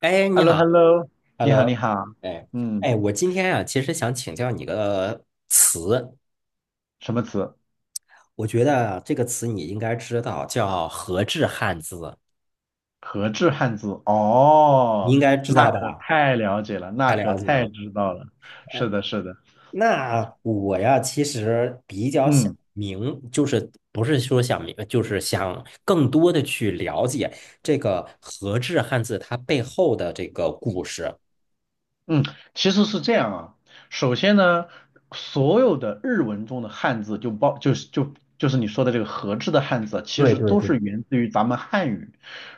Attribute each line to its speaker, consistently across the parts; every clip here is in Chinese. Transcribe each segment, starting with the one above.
Speaker 1: 哎，
Speaker 2: h e
Speaker 1: 你
Speaker 2: l l o h e
Speaker 1: 好。
Speaker 2: l l o 你好，你
Speaker 1: Hello，
Speaker 2: 好，
Speaker 1: 哎，
Speaker 2: 嗯，
Speaker 1: 哎，我今天啊，其实想请教你个词，
Speaker 2: 什么词？
Speaker 1: 我觉得这个词你应该知道，叫和制汉字，
Speaker 2: 和制汉字？
Speaker 1: 你
Speaker 2: 哦，
Speaker 1: 应该知
Speaker 2: 那
Speaker 1: 道
Speaker 2: 可
Speaker 1: 吧？
Speaker 2: 太了解了，那
Speaker 1: 太
Speaker 2: 可
Speaker 1: 了解
Speaker 2: 太
Speaker 1: 了。
Speaker 2: 知道了，是
Speaker 1: 哎，
Speaker 2: 的，是的，
Speaker 1: 那我呀，其实比较想
Speaker 2: 嗯。
Speaker 1: 明，就是不是说想明，就是想更多的去了解这个和制汉字它背后的这个故事。
Speaker 2: 嗯，其实是这样啊。首先呢，所有的日文中的汉字就包就是就就是你说的这个和制的汉字啊，其
Speaker 1: 对
Speaker 2: 实
Speaker 1: 对
Speaker 2: 都
Speaker 1: 对，
Speaker 2: 是源自于咱们汉语。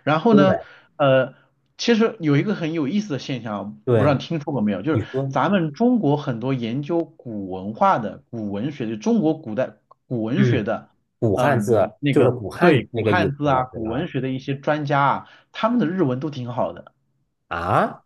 Speaker 2: 然后
Speaker 1: 对
Speaker 2: 呢，呃，其实有一个很有意思的现象啊，不知道
Speaker 1: 对，
Speaker 2: 你听说过没有，就
Speaker 1: 你
Speaker 2: 是
Speaker 1: 说。
Speaker 2: 咱们中国很多研究古文化的、古文学的，中国古代古文学
Speaker 1: 嗯。
Speaker 2: 的，
Speaker 1: 古
Speaker 2: 呃，
Speaker 1: 汉字
Speaker 2: 那
Speaker 1: 就是
Speaker 2: 个
Speaker 1: 古汉
Speaker 2: 对
Speaker 1: 语
Speaker 2: 古
Speaker 1: 那个意
Speaker 2: 汉字
Speaker 1: 思了，
Speaker 2: 啊、
Speaker 1: 对
Speaker 2: 古
Speaker 1: 吧？
Speaker 2: 文学的一些专家啊，他们的日文都挺好的。
Speaker 1: 啊，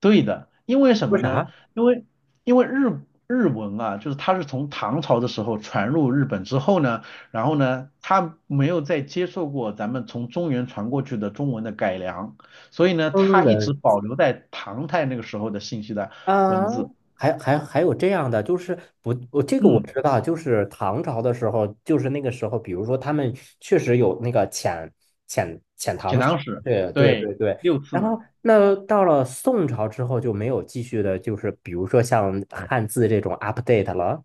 Speaker 2: 对的，因为什
Speaker 1: 说
Speaker 2: 么呢？
Speaker 1: 啥？
Speaker 2: 因为日文啊，就是它是从唐朝的时候传入日本之后呢，然后呢，它没有再接受过咱们从中原传过去的中文的改良，所以呢，
Speaker 1: 嗯
Speaker 2: 它一直
Speaker 1: 人
Speaker 2: 保留在唐代那个时候的信息的文
Speaker 1: 啊，
Speaker 2: 字。
Speaker 1: 还有这样的，就是不，我这个我
Speaker 2: 嗯，
Speaker 1: 知道，就是唐朝的时候，就是那个时候，比如说他们确实有那个遣遣遣
Speaker 2: 写
Speaker 1: 唐使，
Speaker 2: 唐史，
Speaker 1: 对对
Speaker 2: 对，
Speaker 1: 对对。
Speaker 2: 6次
Speaker 1: 然后
Speaker 2: 嘛。
Speaker 1: 那到了宋朝之后就没有继续的，就是比如说像汉字这种 update 了。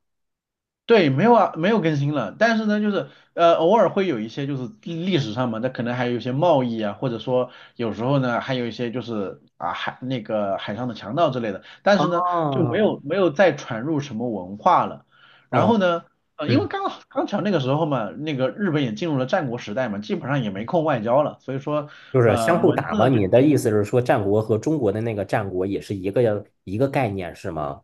Speaker 2: 对，没有啊，没有更新了。但是呢，就是偶尔会有一些就是历史上嘛，那可能还有一些贸易啊，或者说有时候呢，还有一些就是啊海那个海上的强盗之类的。但是呢，就没
Speaker 1: 哦，
Speaker 2: 有没有再传入什么文化了。然
Speaker 1: 哦，
Speaker 2: 后呢，因为
Speaker 1: 嗯。
Speaker 2: 刚巧那个时候嘛，那个日本也进入了战国时代嘛，基本上也没空外交了，所以说
Speaker 1: 就是相互
Speaker 2: 文
Speaker 1: 打
Speaker 2: 字
Speaker 1: 吗？
Speaker 2: 呢就。
Speaker 1: 你的意思是说，战国和中国的那个战国也是一个概念，是吗？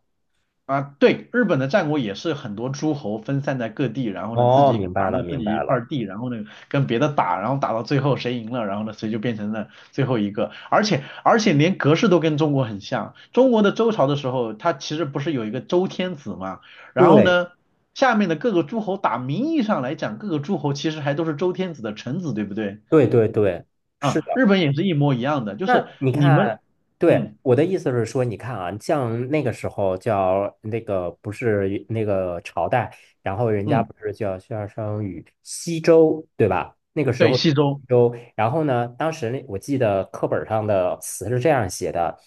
Speaker 2: 啊，对，日本的战国也是很多诸侯分散在各地，然后呢自
Speaker 1: 哦，
Speaker 2: 己
Speaker 1: 明白
Speaker 2: 掌
Speaker 1: 了，
Speaker 2: 握自
Speaker 1: 明
Speaker 2: 己一
Speaker 1: 白
Speaker 2: 块
Speaker 1: 了。
Speaker 2: 儿地，然后呢跟别的打，然后打到最后谁赢了，然后呢谁就变成了最后一个。而且连格式都跟中国很像，中国的周朝的时候，它其实不是有一个周天子嘛，然后
Speaker 1: 对，
Speaker 2: 呢下面的各个诸侯名义上来讲，各个诸侯其实还都是周天子的臣子，对不对？
Speaker 1: 对，对，对，是
Speaker 2: 啊，
Speaker 1: 的。
Speaker 2: 日本也是一模一样的，就是
Speaker 1: 那你
Speaker 2: 你们，
Speaker 1: 看，对，
Speaker 2: 嗯
Speaker 1: 我的意思是说，你看啊，像那个时候叫那个不是那个朝代，然后人家
Speaker 2: 嗯，
Speaker 1: 不是叫夏商与西周，对吧？那个时
Speaker 2: 对，
Speaker 1: 候是
Speaker 2: 西周，
Speaker 1: 西周，然后呢，当时那我记得课本上的词是这样写的：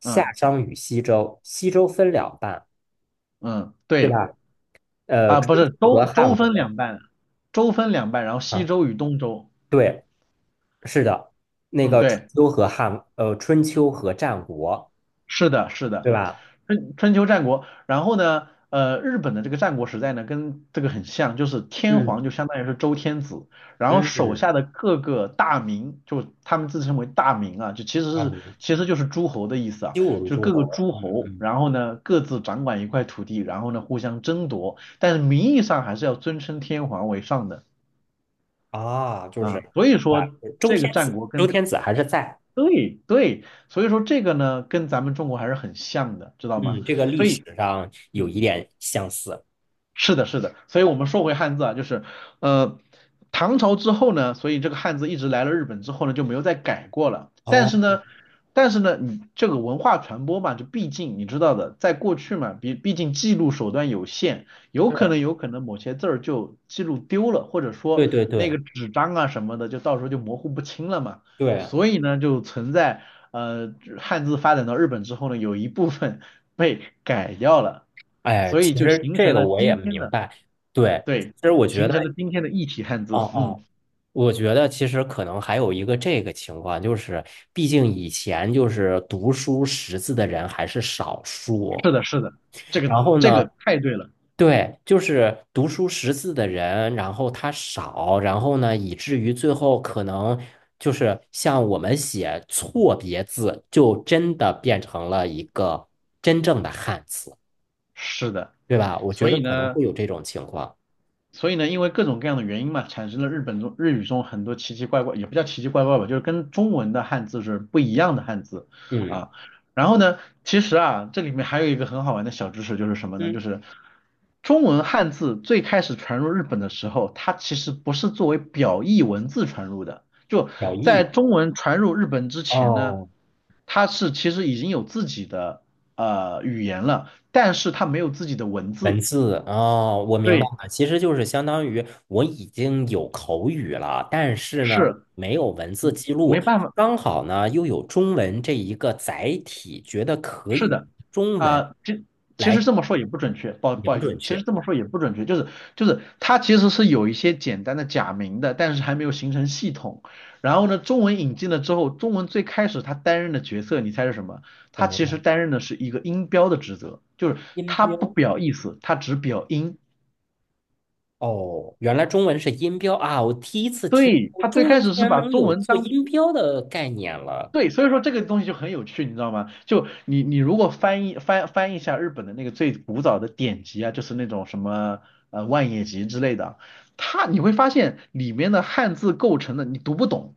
Speaker 1: 夏
Speaker 2: 嗯
Speaker 1: 商与西周，西周分两半。
Speaker 2: 嗯，
Speaker 1: 对
Speaker 2: 对。
Speaker 1: 吧？
Speaker 2: 啊，
Speaker 1: 春
Speaker 2: 不是
Speaker 1: 秋和
Speaker 2: 州
Speaker 1: 汉国
Speaker 2: 分两半，州分两半，然后西
Speaker 1: 啊，
Speaker 2: 周与东周。
Speaker 1: 对，是的，那
Speaker 2: 嗯，
Speaker 1: 个春
Speaker 2: 对，
Speaker 1: 秋和汉，春秋和战国，
Speaker 2: 是的，是
Speaker 1: 对
Speaker 2: 的，
Speaker 1: 吧？
Speaker 2: 春秋战国。然后呢，日本的这个战国时代呢，跟这个很像，就是天皇
Speaker 1: 嗯
Speaker 2: 就相当于是周天子，然后手
Speaker 1: 嗯，
Speaker 2: 下的各个大名，就他们自称为大名啊，就其实
Speaker 1: 啊，
Speaker 2: 是
Speaker 1: 你
Speaker 2: 其实就是诸侯的意思啊，
Speaker 1: 七五
Speaker 2: 就是
Speaker 1: 诸
Speaker 2: 各个
Speaker 1: 侯，
Speaker 2: 诸
Speaker 1: 嗯
Speaker 2: 侯，
Speaker 1: 嗯，
Speaker 2: 然后呢各自掌管一块土地，然后呢互相争夺，但是名义上还是要尊称天皇为上的。
Speaker 1: 啊，就是
Speaker 2: 啊，所以
Speaker 1: 啊，
Speaker 2: 说
Speaker 1: 周
Speaker 2: 这个
Speaker 1: 天
Speaker 2: 战
Speaker 1: 子，
Speaker 2: 国
Speaker 1: 周
Speaker 2: 跟
Speaker 1: 天子还是在，
Speaker 2: 对对，所以说这个呢，跟咱们中国还是很像的，知道吗？
Speaker 1: 嗯，这个历
Speaker 2: 所
Speaker 1: 史
Speaker 2: 以，
Speaker 1: 上有
Speaker 2: 嗯。
Speaker 1: 一点相似。
Speaker 2: 是的，是的，所以我们说回汉字啊，就是，呃，唐朝之后呢，所以这个汉字一直来了日本之后呢，就没有再改过了。但是
Speaker 1: 哦，
Speaker 2: 呢，但是呢，你这个文化传播嘛，就毕竟你知道的，在过去嘛，毕竟记录手段有限，有可
Speaker 1: 是，
Speaker 2: 能有可能某些字儿就记录丢了，或者
Speaker 1: 对
Speaker 2: 说
Speaker 1: 对
Speaker 2: 那
Speaker 1: 对
Speaker 2: 个纸张啊什么的，就到时候就模糊不清了嘛。
Speaker 1: 对，
Speaker 2: 所以呢，就存在呃汉字发展到日本之后呢，有一部分被改掉了。
Speaker 1: 哎，
Speaker 2: 所以
Speaker 1: 其
Speaker 2: 就
Speaker 1: 实
Speaker 2: 形
Speaker 1: 这
Speaker 2: 成
Speaker 1: 个
Speaker 2: 了
Speaker 1: 我也
Speaker 2: 今天
Speaker 1: 明
Speaker 2: 的，
Speaker 1: 白，对，
Speaker 2: 对，
Speaker 1: 其实我觉
Speaker 2: 形
Speaker 1: 得，
Speaker 2: 成了今天的异体汉
Speaker 1: 哦
Speaker 2: 字。
Speaker 1: 哦。
Speaker 2: 嗯，
Speaker 1: 我觉得其实可能还有一个这个情况，就是毕竟以前就是读书识字的人还是少数，
Speaker 2: 是的，是的，这个
Speaker 1: 然后
Speaker 2: 这
Speaker 1: 呢，
Speaker 2: 个太对了，
Speaker 1: 对，就是读书识字的人，然后他少，然后呢，以至于最后可能就是像我们写错别字，就真的变成了一个真正的汉字，
Speaker 2: 是的。
Speaker 1: 对吧？我觉
Speaker 2: 所
Speaker 1: 得
Speaker 2: 以
Speaker 1: 可能
Speaker 2: 呢，
Speaker 1: 会有这种情况。
Speaker 2: 所以呢，因为各种各样的原因嘛，产生了日语中很多奇奇怪怪，也不叫奇奇怪怪吧，就是跟中文的汉字是不一样的汉字
Speaker 1: 嗯
Speaker 2: 啊。然后呢，其实啊，这里面还有一个很好玩的小知识，就是什么呢？就
Speaker 1: 嗯，
Speaker 2: 是中文汉字最开始传入日本的时候，它其实不是作为表意文字传入的，就
Speaker 1: 小
Speaker 2: 在
Speaker 1: 易。
Speaker 2: 中文传入日本之前呢，
Speaker 1: 哦，
Speaker 2: 它是其实已经有自己的语言了，但是它没有自己的文
Speaker 1: 文
Speaker 2: 字。
Speaker 1: 字哦，我明白
Speaker 2: 对，
Speaker 1: 了，其实就是相当于我已经有口语了，但是呢，
Speaker 2: 是
Speaker 1: 没有文字记
Speaker 2: 没
Speaker 1: 录，
Speaker 2: 办法。
Speaker 1: 刚好呢又有中文这一个载体，觉得可
Speaker 2: 是
Speaker 1: 以
Speaker 2: 的，
Speaker 1: 中文
Speaker 2: 啊、这其实
Speaker 1: 来
Speaker 2: 这么说也不准确，不好
Speaker 1: 也
Speaker 2: 不
Speaker 1: 不
Speaker 2: 好意思，
Speaker 1: 准
Speaker 2: 其
Speaker 1: 确，
Speaker 2: 实这么说也不准确，就是它其实是有一些简单的假名的，但是还没有形成系统。然后呢，中文引进了之后，中文最开始它担任的角色，你猜是什么？
Speaker 1: 什
Speaker 2: 它
Speaker 1: 么呀？
Speaker 2: 其实担任的是一个音标的职责，就是
Speaker 1: 音
Speaker 2: 它
Speaker 1: 标
Speaker 2: 不表意思，它只表音。
Speaker 1: 哦，原来中文是音标啊，我第一次听
Speaker 2: 对，
Speaker 1: 说
Speaker 2: 它最
Speaker 1: 中
Speaker 2: 开
Speaker 1: 文居
Speaker 2: 始是
Speaker 1: 然
Speaker 2: 把
Speaker 1: 能
Speaker 2: 中
Speaker 1: 有
Speaker 2: 文
Speaker 1: 做
Speaker 2: 当
Speaker 1: 音标的概念了。
Speaker 2: 对，所以说这个东西就很有趣，你知道吗？就你如果翻译一下日本的那个最古早的典籍啊，就是那种什么《万叶集》之类的，你会发现里面的汉字构成的你读不懂，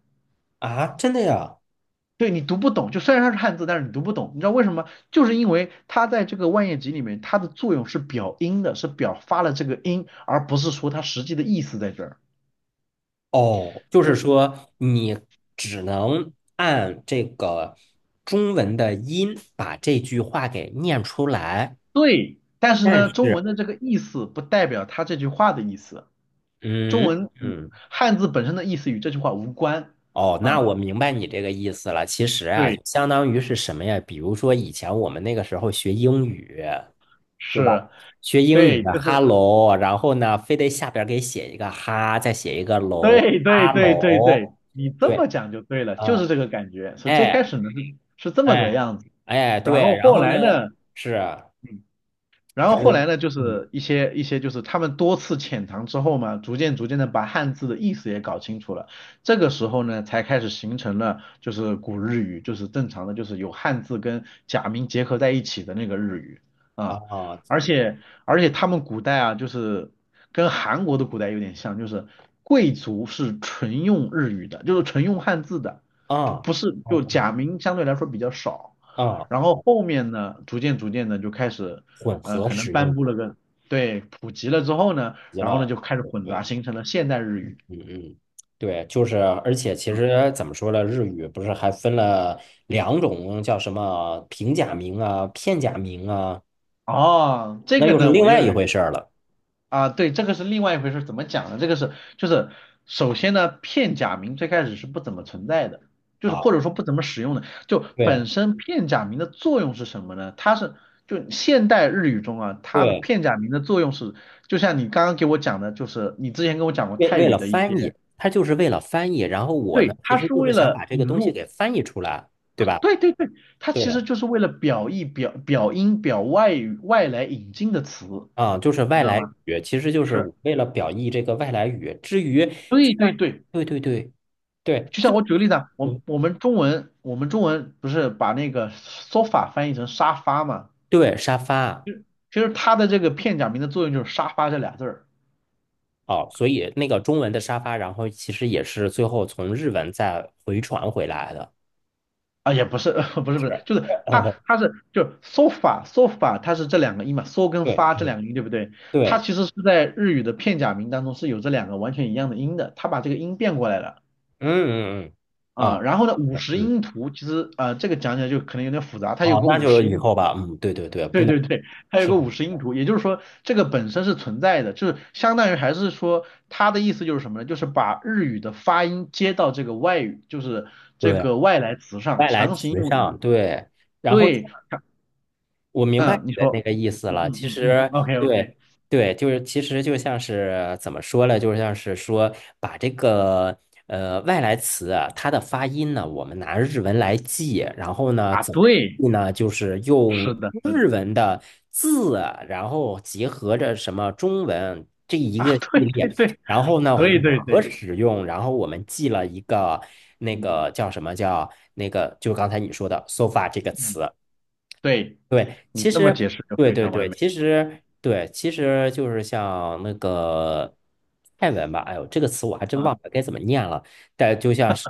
Speaker 1: 啊，真的呀？
Speaker 2: 对你读不懂，就虽然它是汉字，但是你读不懂，你知道为什么？就是因为它在这个《万叶集》里面，它的作用是表音的，是表发了这个音，而不是说它实际的意思在这儿。
Speaker 1: 哦，就是
Speaker 2: 我
Speaker 1: 说你只能按这个中文的音把这句话给念出来，
Speaker 2: 对，但是
Speaker 1: 但
Speaker 2: 呢，
Speaker 1: 是，
Speaker 2: 中文的这个意思不代表它这句话的意思。中
Speaker 1: 嗯
Speaker 2: 文语
Speaker 1: 嗯，
Speaker 2: 汉字本身的意思与这句话无关。
Speaker 1: 哦，那
Speaker 2: 啊，
Speaker 1: 我明白你这个意思了。其实啊，就
Speaker 2: 对，
Speaker 1: 相当于是什么呀？比如说以前我们那个时候学英语，对吧？
Speaker 2: 是，
Speaker 1: 学英语
Speaker 2: 对，
Speaker 1: 的
Speaker 2: 就是
Speaker 1: hello，然后呢，非得下边儿给写一个哈，再写一个楼
Speaker 2: 对对对对对，
Speaker 1: ，hello，
Speaker 2: 你这
Speaker 1: 对，
Speaker 2: 么讲就对了，就
Speaker 1: 啊，
Speaker 2: 是这个感觉。所以最开
Speaker 1: 哎
Speaker 2: 始呢是这么个
Speaker 1: 哎
Speaker 2: 样子，
Speaker 1: 哎，
Speaker 2: 然
Speaker 1: 对，
Speaker 2: 后
Speaker 1: 然
Speaker 2: 后
Speaker 1: 后呢
Speaker 2: 来呢？
Speaker 1: 是。
Speaker 2: 嗯然后
Speaker 1: 它
Speaker 2: 后来
Speaker 1: 有
Speaker 2: 呢，就
Speaker 1: 嗯
Speaker 2: 是一些就是他们多次潜藏之后嘛，逐渐逐渐的把汉字的意思也搞清楚了。这个时候呢，才开始形成了就是古日语，就是正常的，就是有汉字跟假名结合在一起的那个日语啊。而
Speaker 1: 啊
Speaker 2: 且而且他们古代啊，就是跟韩国的古代有点像，就是贵族是纯用日语的，就是纯用汉字的，就
Speaker 1: 啊
Speaker 2: 不是就
Speaker 1: 哦
Speaker 2: 假名相对来说比较少。
Speaker 1: 啊
Speaker 2: 然后后面呢，逐渐逐渐的就开始
Speaker 1: 混合
Speaker 2: 可能
Speaker 1: 使
Speaker 2: 颁
Speaker 1: 用
Speaker 2: 布了个，对，普及了之后呢，
Speaker 1: 极
Speaker 2: 然后呢
Speaker 1: 了，
Speaker 2: 就开始混杂，
Speaker 1: 对，
Speaker 2: 形成了现代日语。
Speaker 1: 嗯嗯。对，就是，而且其
Speaker 2: 嗯，
Speaker 1: 实怎么说呢，日语不是还分了两种，叫什么平假名啊、片假名啊，
Speaker 2: 哦，这
Speaker 1: 那
Speaker 2: 个
Speaker 1: 又是
Speaker 2: 呢，
Speaker 1: 另
Speaker 2: 我又
Speaker 1: 外一回事儿了
Speaker 2: 啊，对，这个是另外一回事，怎么讲呢？这个是就是首先呢，片假名最开始是不怎么存在的，就是或
Speaker 1: 啊。
Speaker 2: 者说不怎么使用的。就
Speaker 1: 对
Speaker 2: 本身片假名的作用是什么呢？就现代日语中啊，它的
Speaker 1: 对，
Speaker 2: 片假名的作用是，就像你刚刚给我讲的，就是你之前跟我讲过
Speaker 1: 为
Speaker 2: 泰
Speaker 1: 为
Speaker 2: 语
Speaker 1: 了
Speaker 2: 的一些，
Speaker 1: 翻译，它就是为了翻译。然后我呢，
Speaker 2: 对，
Speaker 1: 其
Speaker 2: 它
Speaker 1: 实
Speaker 2: 是
Speaker 1: 就
Speaker 2: 为
Speaker 1: 是想
Speaker 2: 了
Speaker 1: 把这
Speaker 2: 引
Speaker 1: 个东西
Speaker 2: 入。
Speaker 1: 给翻译出来，对吧？
Speaker 2: 对对对，它
Speaker 1: 对
Speaker 2: 其实就是为了表意、表音、表外语外来引进的词，
Speaker 1: 啊，就是
Speaker 2: 你
Speaker 1: 外
Speaker 2: 知道
Speaker 1: 来
Speaker 2: 吗？
Speaker 1: 语，其实就是
Speaker 2: 是，
Speaker 1: 为了表意这个外来语。至于就
Speaker 2: 对
Speaker 1: 像
Speaker 2: 对对，
Speaker 1: 对对对对，
Speaker 2: 就
Speaker 1: 就
Speaker 2: 像我举个例子啊，我
Speaker 1: 是
Speaker 2: 我们中文我们中文不是把那个 sofa 翻译成沙发嘛？
Speaker 1: 对沙发
Speaker 2: 就其实它的这个片假名的作用就是沙发这俩字儿
Speaker 1: 哦，所以那个中文的沙发，然后其实也是最后从日文再回传回来的。
Speaker 2: 啊，也不是 不是
Speaker 1: 是，
Speaker 2: 不是，就是它 它是就是 sofa sofa 它是这两个音嘛，so 跟
Speaker 1: 对
Speaker 2: 发这
Speaker 1: 对
Speaker 2: 两个音对不对？它
Speaker 1: 对，
Speaker 2: 其实是在日语的片假名当中是有这两个完全一样的音的，它把这个音变过来了。
Speaker 1: 嗯嗯嗯，
Speaker 2: 啊、
Speaker 1: 啊，
Speaker 2: 然后呢，五
Speaker 1: 是
Speaker 2: 十
Speaker 1: 嗯，
Speaker 2: 音图其实啊，这个讲起来就可能有点复杂，它有
Speaker 1: 好，
Speaker 2: 个
Speaker 1: 那
Speaker 2: 五
Speaker 1: 就
Speaker 2: 十
Speaker 1: 以
Speaker 2: 音，
Speaker 1: 后吧，嗯，对对对，不
Speaker 2: 对
Speaker 1: 能
Speaker 2: 对对，它有
Speaker 1: 是，
Speaker 2: 个五十音图，也就是说这个本身是存在的，就是相当于还是说它的意思就是什么呢？就是把日语的发音接到这个外语，就是这
Speaker 1: 对，
Speaker 2: 个外来词上，
Speaker 1: 外来
Speaker 2: 强行
Speaker 1: 词
Speaker 2: 用日，
Speaker 1: 上，对，然后。
Speaker 2: 对，强
Speaker 1: 我明白
Speaker 2: 嗯，你
Speaker 1: 你的
Speaker 2: 说，
Speaker 1: 那个意思
Speaker 2: 嗯
Speaker 1: 了。
Speaker 2: 嗯
Speaker 1: 其
Speaker 2: 嗯嗯
Speaker 1: 实，
Speaker 2: ，OK OK，
Speaker 1: 对对，就是其实就像是怎么说呢？就像是说把这个外来词啊它的发音呢，我们拿日文来记，然后呢
Speaker 2: 啊，
Speaker 1: 怎么
Speaker 2: 对，
Speaker 1: 记呢？就是用
Speaker 2: 是的，是的，
Speaker 1: 日文的字啊，然后结合着什么中文这一个
Speaker 2: 啊，
Speaker 1: 系
Speaker 2: 对
Speaker 1: 列，
Speaker 2: 对对
Speaker 1: 然后呢
Speaker 2: 对
Speaker 1: 混
Speaker 2: 对
Speaker 1: 合
Speaker 2: 对，
Speaker 1: 使用，然后我们记了一个那
Speaker 2: 嗯
Speaker 1: 个叫什么叫那个，就刚才你说的 “sofa” 这个
Speaker 2: 嗯，
Speaker 1: 词。
Speaker 2: 对，
Speaker 1: 对，
Speaker 2: 你
Speaker 1: 其
Speaker 2: 这么
Speaker 1: 实，
Speaker 2: 解释就
Speaker 1: 对
Speaker 2: 非
Speaker 1: 对
Speaker 2: 常完
Speaker 1: 对，
Speaker 2: 美，
Speaker 1: 其实对，其实就是像那个泰文吧，哎呦，这个词我还真忘
Speaker 2: 嗯
Speaker 1: 了该怎么念了。但就像是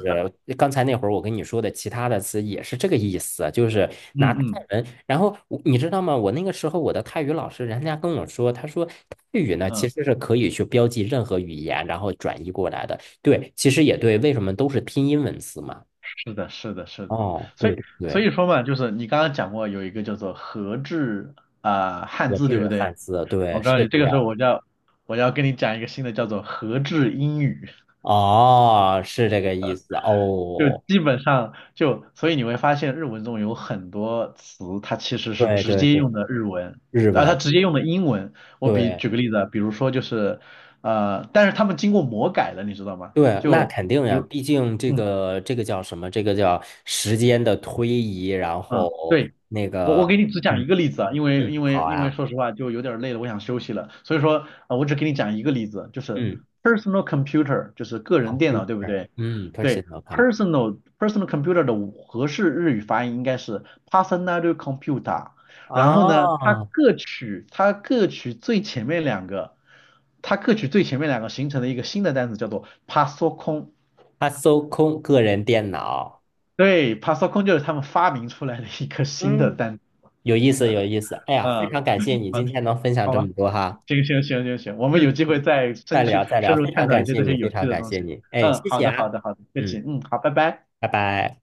Speaker 1: 刚才那会儿我跟你说的，其他的词也是这个意思，就是拿
Speaker 2: 嗯
Speaker 1: 泰
Speaker 2: 嗯。
Speaker 1: 文。然后我你知道吗？我那个时候我的泰语老师，人家跟我说，他说泰语呢其
Speaker 2: 嗯，
Speaker 1: 实是可以去标记任何语言，然后转译过来的。对，其实也对，为什么都是拼音文字嘛？
Speaker 2: 是的，是的，是的，
Speaker 1: 哦，
Speaker 2: 所
Speaker 1: 对
Speaker 2: 以
Speaker 1: 对
Speaker 2: 所
Speaker 1: 对，
Speaker 2: 以说嘛，就是你刚刚讲过有一个叫做和制啊、汉
Speaker 1: 格
Speaker 2: 字，对不
Speaker 1: 致汉
Speaker 2: 对？
Speaker 1: 字，对，
Speaker 2: 我告诉
Speaker 1: 是
Speaker 2: 你，
Speaker 1: 这
Speaker 2: 这个时
Speaker 1: 样。
Speaker 2: 候我要跟你讲一个新的叫做和制英语，
Speaker 1: 哦，是这个意思
Speaker 2: 就
Speaker 1: 哦。
Speaker 2: 基本上就所以你会发现日文中有很多词它其实是
Speaker 1: 对
Speaker 2: 直
Speaker 1: 对
Speaker 2: 接
Speaker 1: 对，
Speaker 2: 用的日文
Speaker 1: 日
Speaker 2: 啊，它
Speaker 1: 文，
Speaker 2: 直接用的英文。我比
Speaker 1: 对
Speaker 2: 举个例子啊，比如说就是但是他们经过魔改了，你知道吗？
Speaker 1: 对，那
Speaker 2: 就
Speaker 1: 肯定
Speaker 2: 比
Speaker 1: 呀，
Speaker 2: 如。
Speaker 1: 毕竟这
Speaker 2: 嗯。
Speaker 1: 个这个叫什么？这个叫时间的推移，然
Speaker 2: 嗯，
Speaker 1: 后
Speaker 2: 对，
Speaker 1: 那
Speaker 2: 我
Speaker 1: 个，
Speaker 2: 给你只
Speaker 1: 嗯
Speaker 2: 讲一个例子啊，因
Speaker 1: 嗯，
Speaker 2: 为因为
Speaker 1: 好
Speaker 2: 因为
Speaker 1: 呀，
Speaker 2: 说实话就有点儿累了，我想休息了，所以说我只给你讲一个例子，就是
Speaker 1: 嗯
Speaker 2: personal computer，就是个人电脑，对不
Speaker 1: ，computer，
Speaker 2: 对？
Speaker 1: 嗯
Speaker 2: 对
Speaker 1: ，personal computer，
Speaker 2: ，personal computer 的合适日语发音应该是 personal computer，然后呢，它
Speaker 1: 啊，
Speaker 2: 各取它各取最前面两个，它各取最前面两个形成了一个新的单词，叫做 p a s o c o n
Speaker 1: 他搜空个人电脑，
Speaker 2: 对 pasocon 就是他们发明出来的一个新的
Speaker 1: 嗯，
Speaker 2: 单词，
Speaker 1: 有意思有意思。哎呀，非
Speaker 2: 嗯。
Speaker 1: 常感谢
Speaker 2: 嗯
Speaker 1: 你今天能分享
Speaker 2: 好
Speaker 1: 这
Speaker 2: 吧，
Speaker 1: 么多哈，
Speaker 2: 行行行行行，我们有
Speaker 1: 嗯，
Speaker 2: 机会再
Speaker 1: 再
Speaker 2: 深去
Speaker 1: 聊再聊，
Speaker 2: 深入
Speaker 1: 非
Speaker 2: 探
Speaker 1: 常
Speaker 2: 讨一
Speaker 1: 感
Speaker 2: 些
Speaker 1: 谢
Speaker 2: 这
Speaker 1: 你，
Speaker 2: 些
Speaker 1: 非
Speaker 2: 有趣
Speaker 1: 常
Speaker 2: 的
Speaker 1: 感
Speaker 2: 东
Speaker 1: 谢
Speaker 2: 西。
Speaker 1: 你，哎，
Speaker 2: 嗯，
Speaker 1: 谢
Speaker 2: 好
Speaker 1: 谢
Speaker 2: 的好
Speaker 1: 啊。
Speaker 2: 的好的，不客气，
Speaker 1: 嗯。
Speaker 2: 嗯，好，拜拜。
Speaker 1: 拜拜。